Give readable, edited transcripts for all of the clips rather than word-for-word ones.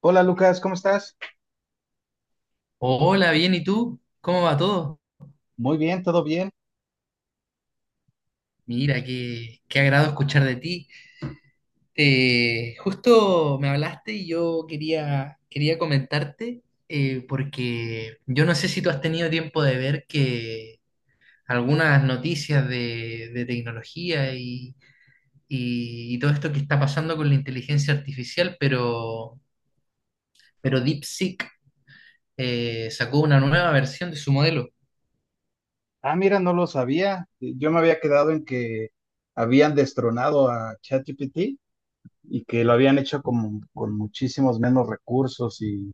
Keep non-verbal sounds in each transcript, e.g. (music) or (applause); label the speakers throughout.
Speaker 1: Hola Lucas, ¿cómo estás?
Speaker 2: Hola, bien, ¿y tú? ¿Cómo va todo?
Speaker 1: Muy bien, todo bien.
Speaker 2: Mira, qué agrado escuchar de ti. Justo me hablaste y yo quería comentarte, porque yo no sé si tú has tenido tiempo de ver que algunas noticias de tecnología y, y todo esto que está pasando con la inteligencia artificial, pero DeepSeek sacó una nueva versión de su modelo.
Speaker 1: Ah, mira, no lo sabía. Yo me había quedado en que habían destronado a ChatGPT y que lo habían hecho como con muchísimos menos recursos y,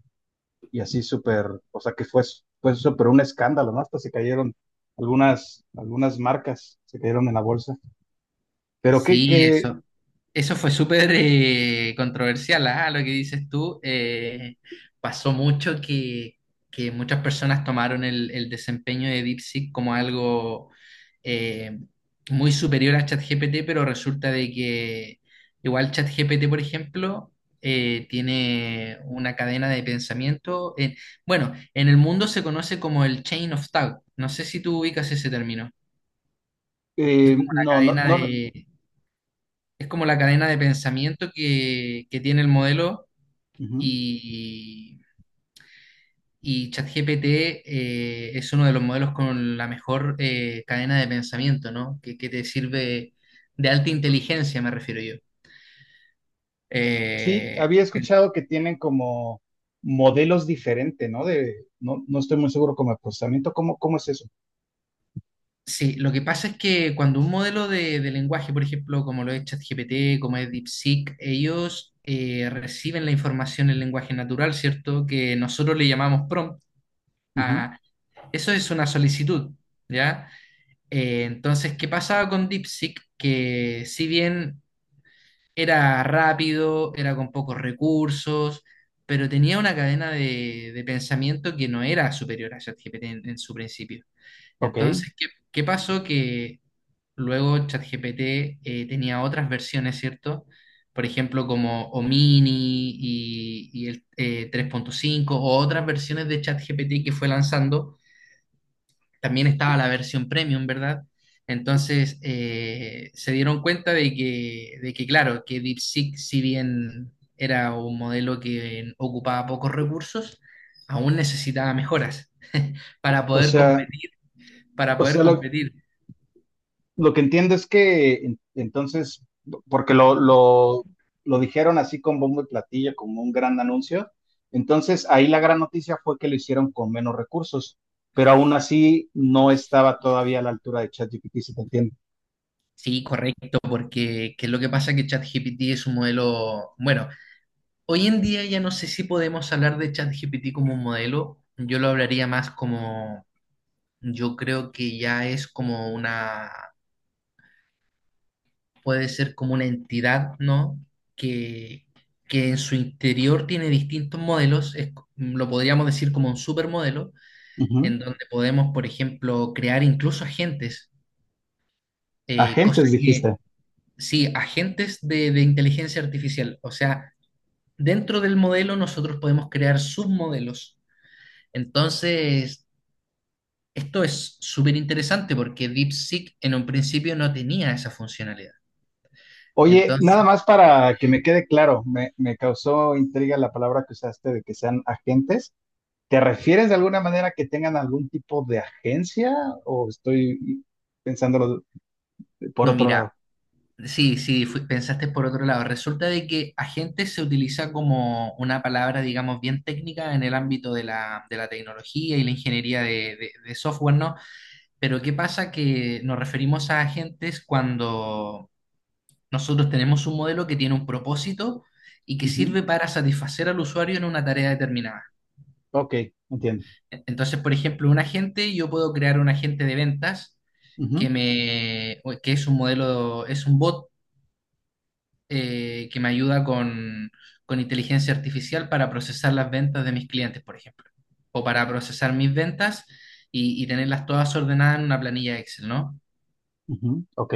Speaker 1: y así súper, o sea que fue súper un escándalo, ¿no? Hasta se cayeron algunas marcas, se cayeron en la bolsa. Pero que,
Speaker 2: Sí,
Speaker 1: que,
Speaker 2: eso, eso fue súper controversial. Ah, lo que dices tú, pasó mucho que muchas personas tomaron el desempeño de DeepSeek como algo eh, muy superior a ChatGPT, pero resulta de que igual ChatGPT, por ejemplo, tiene una cadena de pensamiento. Bueno, en el mundo se conoce como el chain of thought. No sé si tú ubicas ese término, que es como la
Speaker 1: no, no,
Speaker 2: cadena
Speaker 1: no.
Speaker 2: de, es como la cadena de pensamiento que tiene el modelo,
Speaker 1: Ujú.
Speaker 2: y, y ChatGPT, es uno de los modelos con la mejor cadena de pensamiento, ¿no? Que te sirve de alta inteligencia, me refiero yo.
Speaker 1: Sí,
Speaker 2: Eh,
Speaker 1: había
Speaker 2: el-
Speaker 1: escuchado que tienen como modelos diferentes, ¿no? No, no estoy muy seguro como el procesamiento, ¿cómo es eso?
Speaker 2: sí, lo que pasa es que cuando un modelo de lenguaje, por ejemplo, como lo es ChatGPT, como es DeepSeek, ellos reciben la información en lenguaje natural, ¿cierto? Que nosotros le llamamos prompt.
Speaker 1: Ujú.
Speaker 2: a- Eso es una solicitud. ¿Ya? Entonces, ¿qué pasaba con DeepSeek? Que si bien era rápido, era con pocos recursos, pero tenía una cadena de pensamiento que no era superior a ChatGPT en su principio.
Speaker 1: Ok.
Speaker 2: Entonces, ¿qué, qué pasó? Que luego ChatGPT, tenía otras versiones, ¿cierto? Por ejemplo, como Omini y el 3.5 o otras versiones de ChatGPT que fue lanzando. También estaba la versión premium, ¿verdad? Entonces se dieron cuenta de que, claro, que DeepSeek, si bien era un modelo que ocupaba pocos recursos, aún necesitaba mejoras (laughs) para
Speaker 1: O
Speaker 2: poder
Speaker 1: sea,
Speaker 2: competir, para
Speaker 1: o
Speaker 2: poder
Speaker 1: sea, lo,
Speaker 2: competir.
Speaker 1: lo que entiendo es que entonces, porque lo dijeron así con bombo y platillo, como un gran anuncio, entonces ahí la gran noticia fue que lo hicieron con menos recursos, pero aún así no estaba todavía a la altura de ChatGPT, si te entiendo.
Speaker 2: Sí, correcto, porque que lo que pasa es que ChatGPT es un modelo, bueno, hoy en día ya no sé si podemos hablar de ChatGPT como un modelo, yo lo hablaría más como, yo creo que ya es como una, puede ser como una entidad, ¿no? Que, que en su interior tiene distintos modelos, lo podríamos decir como un supermodelo,
Speaker 1: Ujú.
Speaker 2: en donde podemos, por ejemplo, crear incluso agentes, eh, cosa
Speaker 1: Agentes,
Speaker 2: que,
Speaker 1: dijiste.
Speaker 2: sí, agentes de inteligencia artificial, o sea, dentro del modelo nosotros podemos crear submodelos. Entonces, esto es súper interesante porque DeepSeek en un principio no tenía esa funcionalidad.
Speaker 1: Oye,
Speaker 2: Entonces,
Speaker 1: nada más para que me quede claro, me causó intriga la palabra que usaste de que sean agentes. ¿Te refieres de alguna manera que tengan algún tipo de agencia o estoy pensándolo por
Speaker 2: no,
Speaker 1: otro
Speaker 2: mira,
Speaker 1: lado?
Speaker 2: sí, sí, pensaste por otro lado. Resulta de que agente se utiliza como una palabra, digamos, bien técnica en el ámbito de la tecnología y la ingeniería de software, ¿no? Pero ¿qué pasa? Que nos referimos a agentes cuando nosotros tenemos un modelo que tiene un propósito y que
Speaker 1: Ujú,
Speaker 2: sirve para satisfacer al usuario en una tarea determinada.
Speaker 1: ok, entiendo.
Speaker 2: Entonces, por ejemplo, un agente, yo puedo crear un agente de ventas que
Speaker 1: Ujú,
Speaker 2: me, que es un modelo, es un bot, que me ayuda con inteligencia artificial para procesar las ventas de mis clientes, por ejemplo, o para procesar mis ventas y tenerlas todas ordenadas en una planilla Excel, ¿no?
Speaker 1: ujú, ok,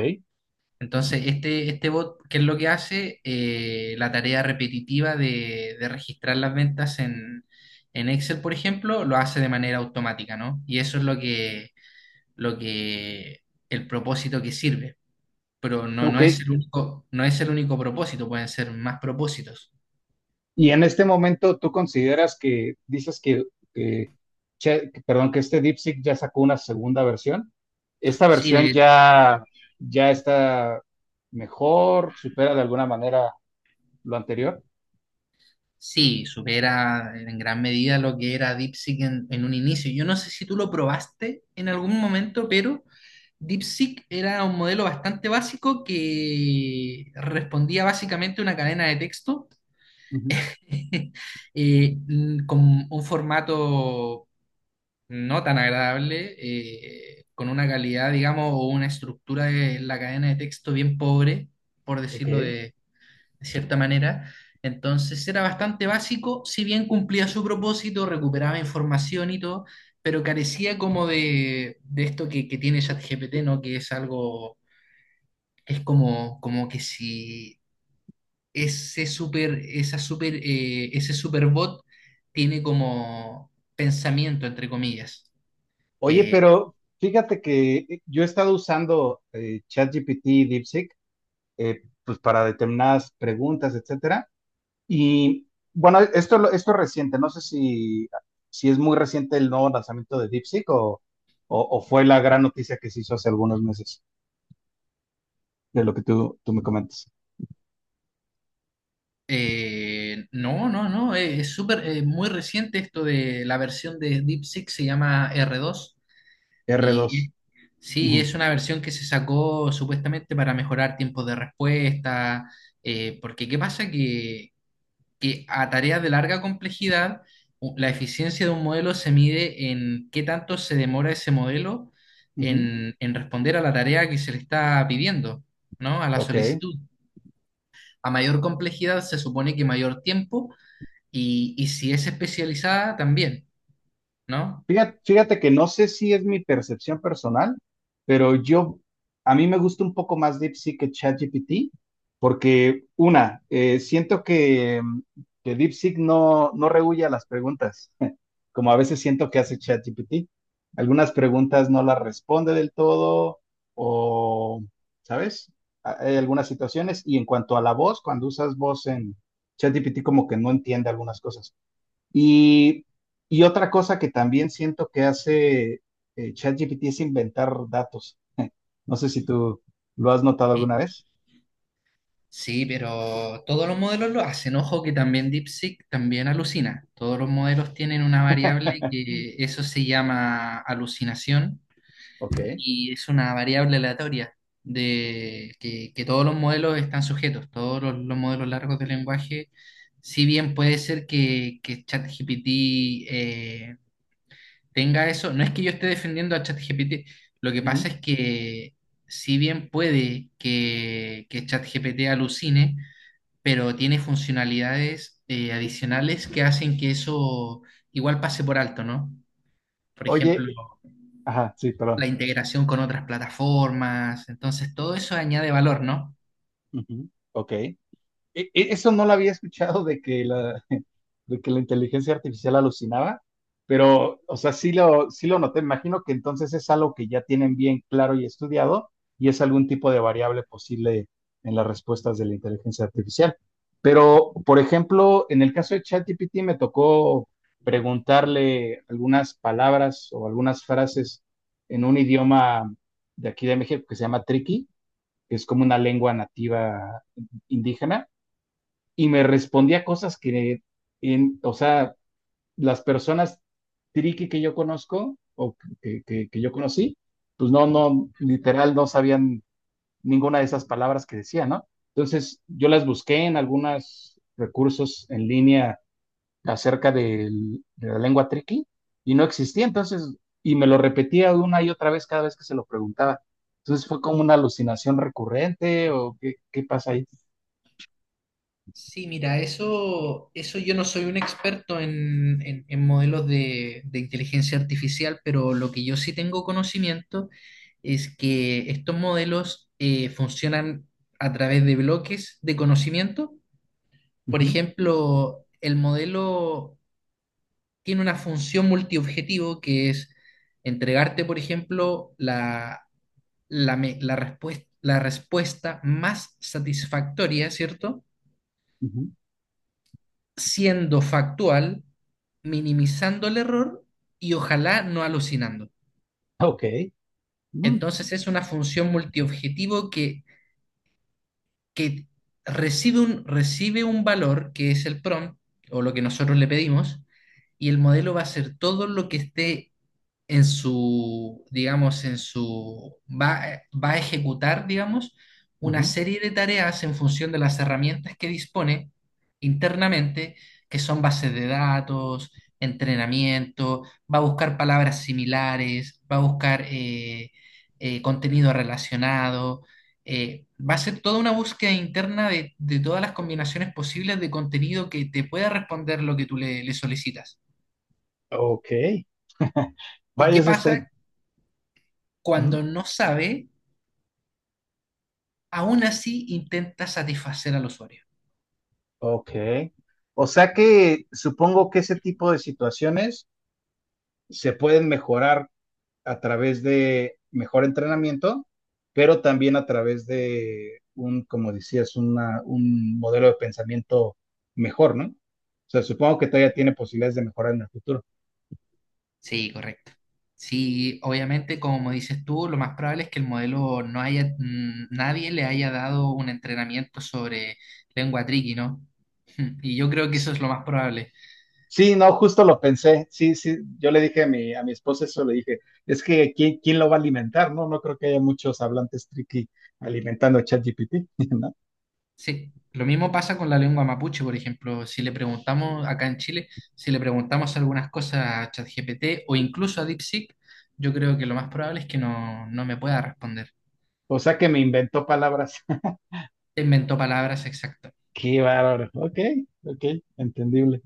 Speaker 2: Entonces, este bot, ¿qué es lo que hace? La tarea repetitiva de registrar las ventas en Excel, por ejemplo, lo hace de manera automática, ¿no? Y eso es lo que, el propósito que sirve. Pero no, no
Speaker 1: ok.
Speaker 2: es el único, no es el único propósito, pueden ser más propósitos.
Speaker 1: Y en este momento tú consideras que, dices que, perdón, que este DeepSeek ya sacó una segunda versión. ¿Esta
Speaker 2: Sí,
Speaker 1: versión
Speaker 2: de-
Speaker 1: ya está mejor, supera de alguna manera lo anterior?
Speaker 2: sí, supera en gran medida lo que era DeepSeek en un inicio. Yo no sé si tú lo probaste en algún momento, pero DeepSeek era un modelo bastante básico que respondía básicamente a una cadena de texto,
Speaker 1: Ujú,
Speaker 2: (laughs) con un formato no tan agradable, con una calidad, digamos, o una estructura de la cadena de texto bien pobre, por decirlo
Speaker 1: ok.
Speaker 2: de cierta manera. Entonces era bastante básico, si bien cumplía su propósito, recuperaba información y todo, pero carecía como de esto que tiene ChatGPT, ¿no? Que es algo, es como, como que si ese super, esa super, ese superbot tiene como pensamiento, entre comillas,
Speaker 1: Oye,
Speaker 2: que
Speaker 1: pero fíjate que yo he estado usando ChatGPT y DeepSeek pues para determinadas preguntas, etcétera. Y bueno, esto, esto es reciente, no sé si es muy reciente el nuevo lanzamiento de DeepSeek o fue la gran noticia que se hizo hace algunos meses, de lo que tú me comentas.
Speaker 2: no, no, no, muy reciente esto de la versión de DeepSeek, se llama R2.
Speaker 1: r
Speaker 2: Y
Speaker 1: dos,
Speaker 2: sí,
Speaker 1: Ujú,
Speaker 2: es una versión que se sacó supuestamente para mejorar tiempos de respuesta, porque ¿qué pasa? Que a tareas de larga complejidad, la eficiencia de un modelo se mide en qué tanto se demora ese modelo
Speaker 1: ujú,
Speaker 2: en responder a la tarea que se le está pidiendo, ¿no? A la
Speaker 1: ok.
Speaker 2: solicitud. A mayor complejidad se supone que mayor tiempo, y si es especializada también, ¿no?
Speaker 1: Fíjate, fíjate que no sé si es mi percepción personal, pero a mí me gusta un poco más DeepSeek que ChatGPT, porque siento que DeepSeek no, no rehúye a las preguntas, (laughs) como a veces siento que hace ChatGPT. Algunas preguntas no las responde del todo, o, ¿sabes? Hay algunas situaciones, y en cuanto a la voz, cuando usas voz en ChatGPT, como que no entiende algunas cosas. Y, y otra cosa que también siento que hace ChatGPT es inventar datos. No sé si tú lo has notado
Speaker 2: Sí,
Speaker 1: alguna vez.
Speaker 2: sí, pero todos los modelos lo hacen. Ojo que también DeepSeek también alucina. Todos los modelos tienen una variable que eso se llama alucinación,
Speaker 1: Ok.
Speaker 2: y es una variable aleatoria de que todos los modelos están sujetos. Todos los modelos largos de lenguaje, si bien puede ser que ChatGPT eh, tenga eso, no es que yo esté defendiendo a ChatGPT, lo que
Speaker 1: Ujú.
Speaker 2: pasa es que si bien puede que ChatGPT alucine, pero tiene funcionalidades adicionales que hacen que eso igual pase por alto, ¿no? Por ejemplo,
Speaker 1: Oye, ajá, sí, perdón.
Speaker 2: la integración con otras plataformas, entonces todo eso añade valor, ¿no?
Speaker 1: Ujú. Ok. Eso no lo había escuchado de (laughs) de que la inteligencia artificial alucinaba, pero, o sea, sí lo noté. Imagino que entonces es algo que ya tienen bien claro y estudiado y es algún tipo de variable posible en las respuestas de la inteligencia artificial. Pero, por ejemplo, en el caso de ChatGPT me tocó preguntarle algunas palabras o algunas frases en un idioma de aquí de México que se llama triqui, que es como una lengua nativa indígena y me respondía cosas que, o sea, las personas triqui que yo conozco o que yo conocí, pues no, no, literal no sabían ninguna de esas palabras que decía, ¿no? Entonces yo las busqué en algunos recursos en línea acerca de la lengua triqui y no existía, entonces, y me lo repetía una y otra vez cada vez que se lo preguntaba. Entonces fue como una alucinación recurrente o qué pasa ahí.
Speaker 2: Sí, mira, eso yo no soy un experto en, en modelos de inteligencia artificial, pero lo que yo sí tengo conocimiento es que estos modelos funcionan a través de bloques de conocimiento. Por
Speaker 1: Ujú,
Speaker 2: ejemplo, el modelo tiene una función multiobjetivo que es entregarte, por ejemplo, la, la respuesta más satisfactoria, ¿cierto?
Speaker 1: ujú.
Speaker 2: Siendo factual, minimizando el error y ojalá no alucinando.
Speaker 1: Ok. Mm.
Speaker 2: Entonces es una función multiobjetivo que recibe un valor que es el prompt o lo que nosotros le pedimos, y el modelo va a hacer todo lo que esté en su, digamos, en su, va a ejecutar, digamos, una
Speaker 1: Ujú.
Speaker 2: serie de tareas en función de las herramientas que dispone internamente, que son bases de datos, entrenamiento, va a buscar palabras similares, va a buscar contenido relacionado. Va a ser toda una búsqueda interna de todas las combinaciones posibles de contenido que te pueda responder lo que tú le solicitas.
Speaker 1: Ok. (laughs)
Speaker 2: ¿Y
Speaker 1: Vaya,
Speaker 2: qué
Speaker 1: eso está.
Speaker 2: pasa
Speaker 1: Ujú.
Speaker 2: cuando no sabe? Aún así intenta satisfacer al usuario.
Speaker 1: Ok. O sea que supongo que ese tipo de situaciones se pueden mejorar a través de mejor entrenamiento, pero también a través de un, como decías, un modelo de pensamiento mejor, ¿no? O sea, supongo que todavía tiene posibilidades de mejorar en el futuro.
Speaker 2: Sí, correcto. Sí, obviamente, como dices tú, lo más probable es que el modelo no haya, mm, nadie le haya dado un entrenamiento sobre lengua triqui, ¿no? (laughs) Y yo creo que eso es lo más probable.
Speaker 1: Sí, no, justo lo pensé. Sí, sí, yo le dije a mi esposa eso, le dije, es que ¿quién lo va a alimentar? No, no creo que haya muchos hablantes tricky alimentando a ChatGPT, (laughs) ¿no?
Speaker 2: Sí, lo mismo pasa con la lengua mapuche, por ejemplo. Si le preguntamos acá en Chile, si le preguntamos algunas cosas a ChatGPT o incluso a DeepSeek, yo creo que lo más probable es que no, no me pueda responder.
Speaker 1: O sea que me inventó palabras. (laughs)
Speaker 2: Inventó palabras exactas.
Speaker 1: Qué bárbaro. Ok, ok, entendible.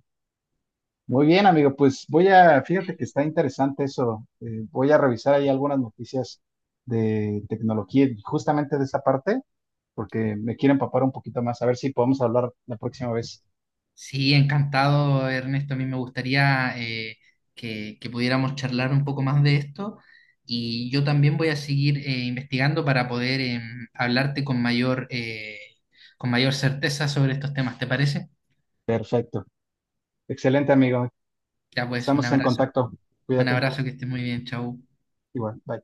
Speaker 1: Muy bien, amigo, pues voy a, fíjate que está interesante eso. Voy a revisar ahí algunas noticias de tecnología, y justamente de esa parte, porque me quiero empapar un poquito más, a ver si podemos hablar la próxima vez.
Speaker 2: Sí, encantado, Ernesto. A mí me gustaría que pudiéramos charlar un poco más de esto, y yo también voy a seguir investigando para poder hablarte con mayor certeza sobre estos temas. ¿Te parece?
Speaker 1: Perfecto. Excelente, amigo.
Speaker 2: Ya pues, un
Speaker 1: Estamos en
Speaker 2: abrazo.
Speaker 1: contacto.
Speaker 2: Un
Speaker 1: Cuídate.
Speaker 2: abrazo, que estés muy bien. Chau.
Speaker 1: Igual, bye.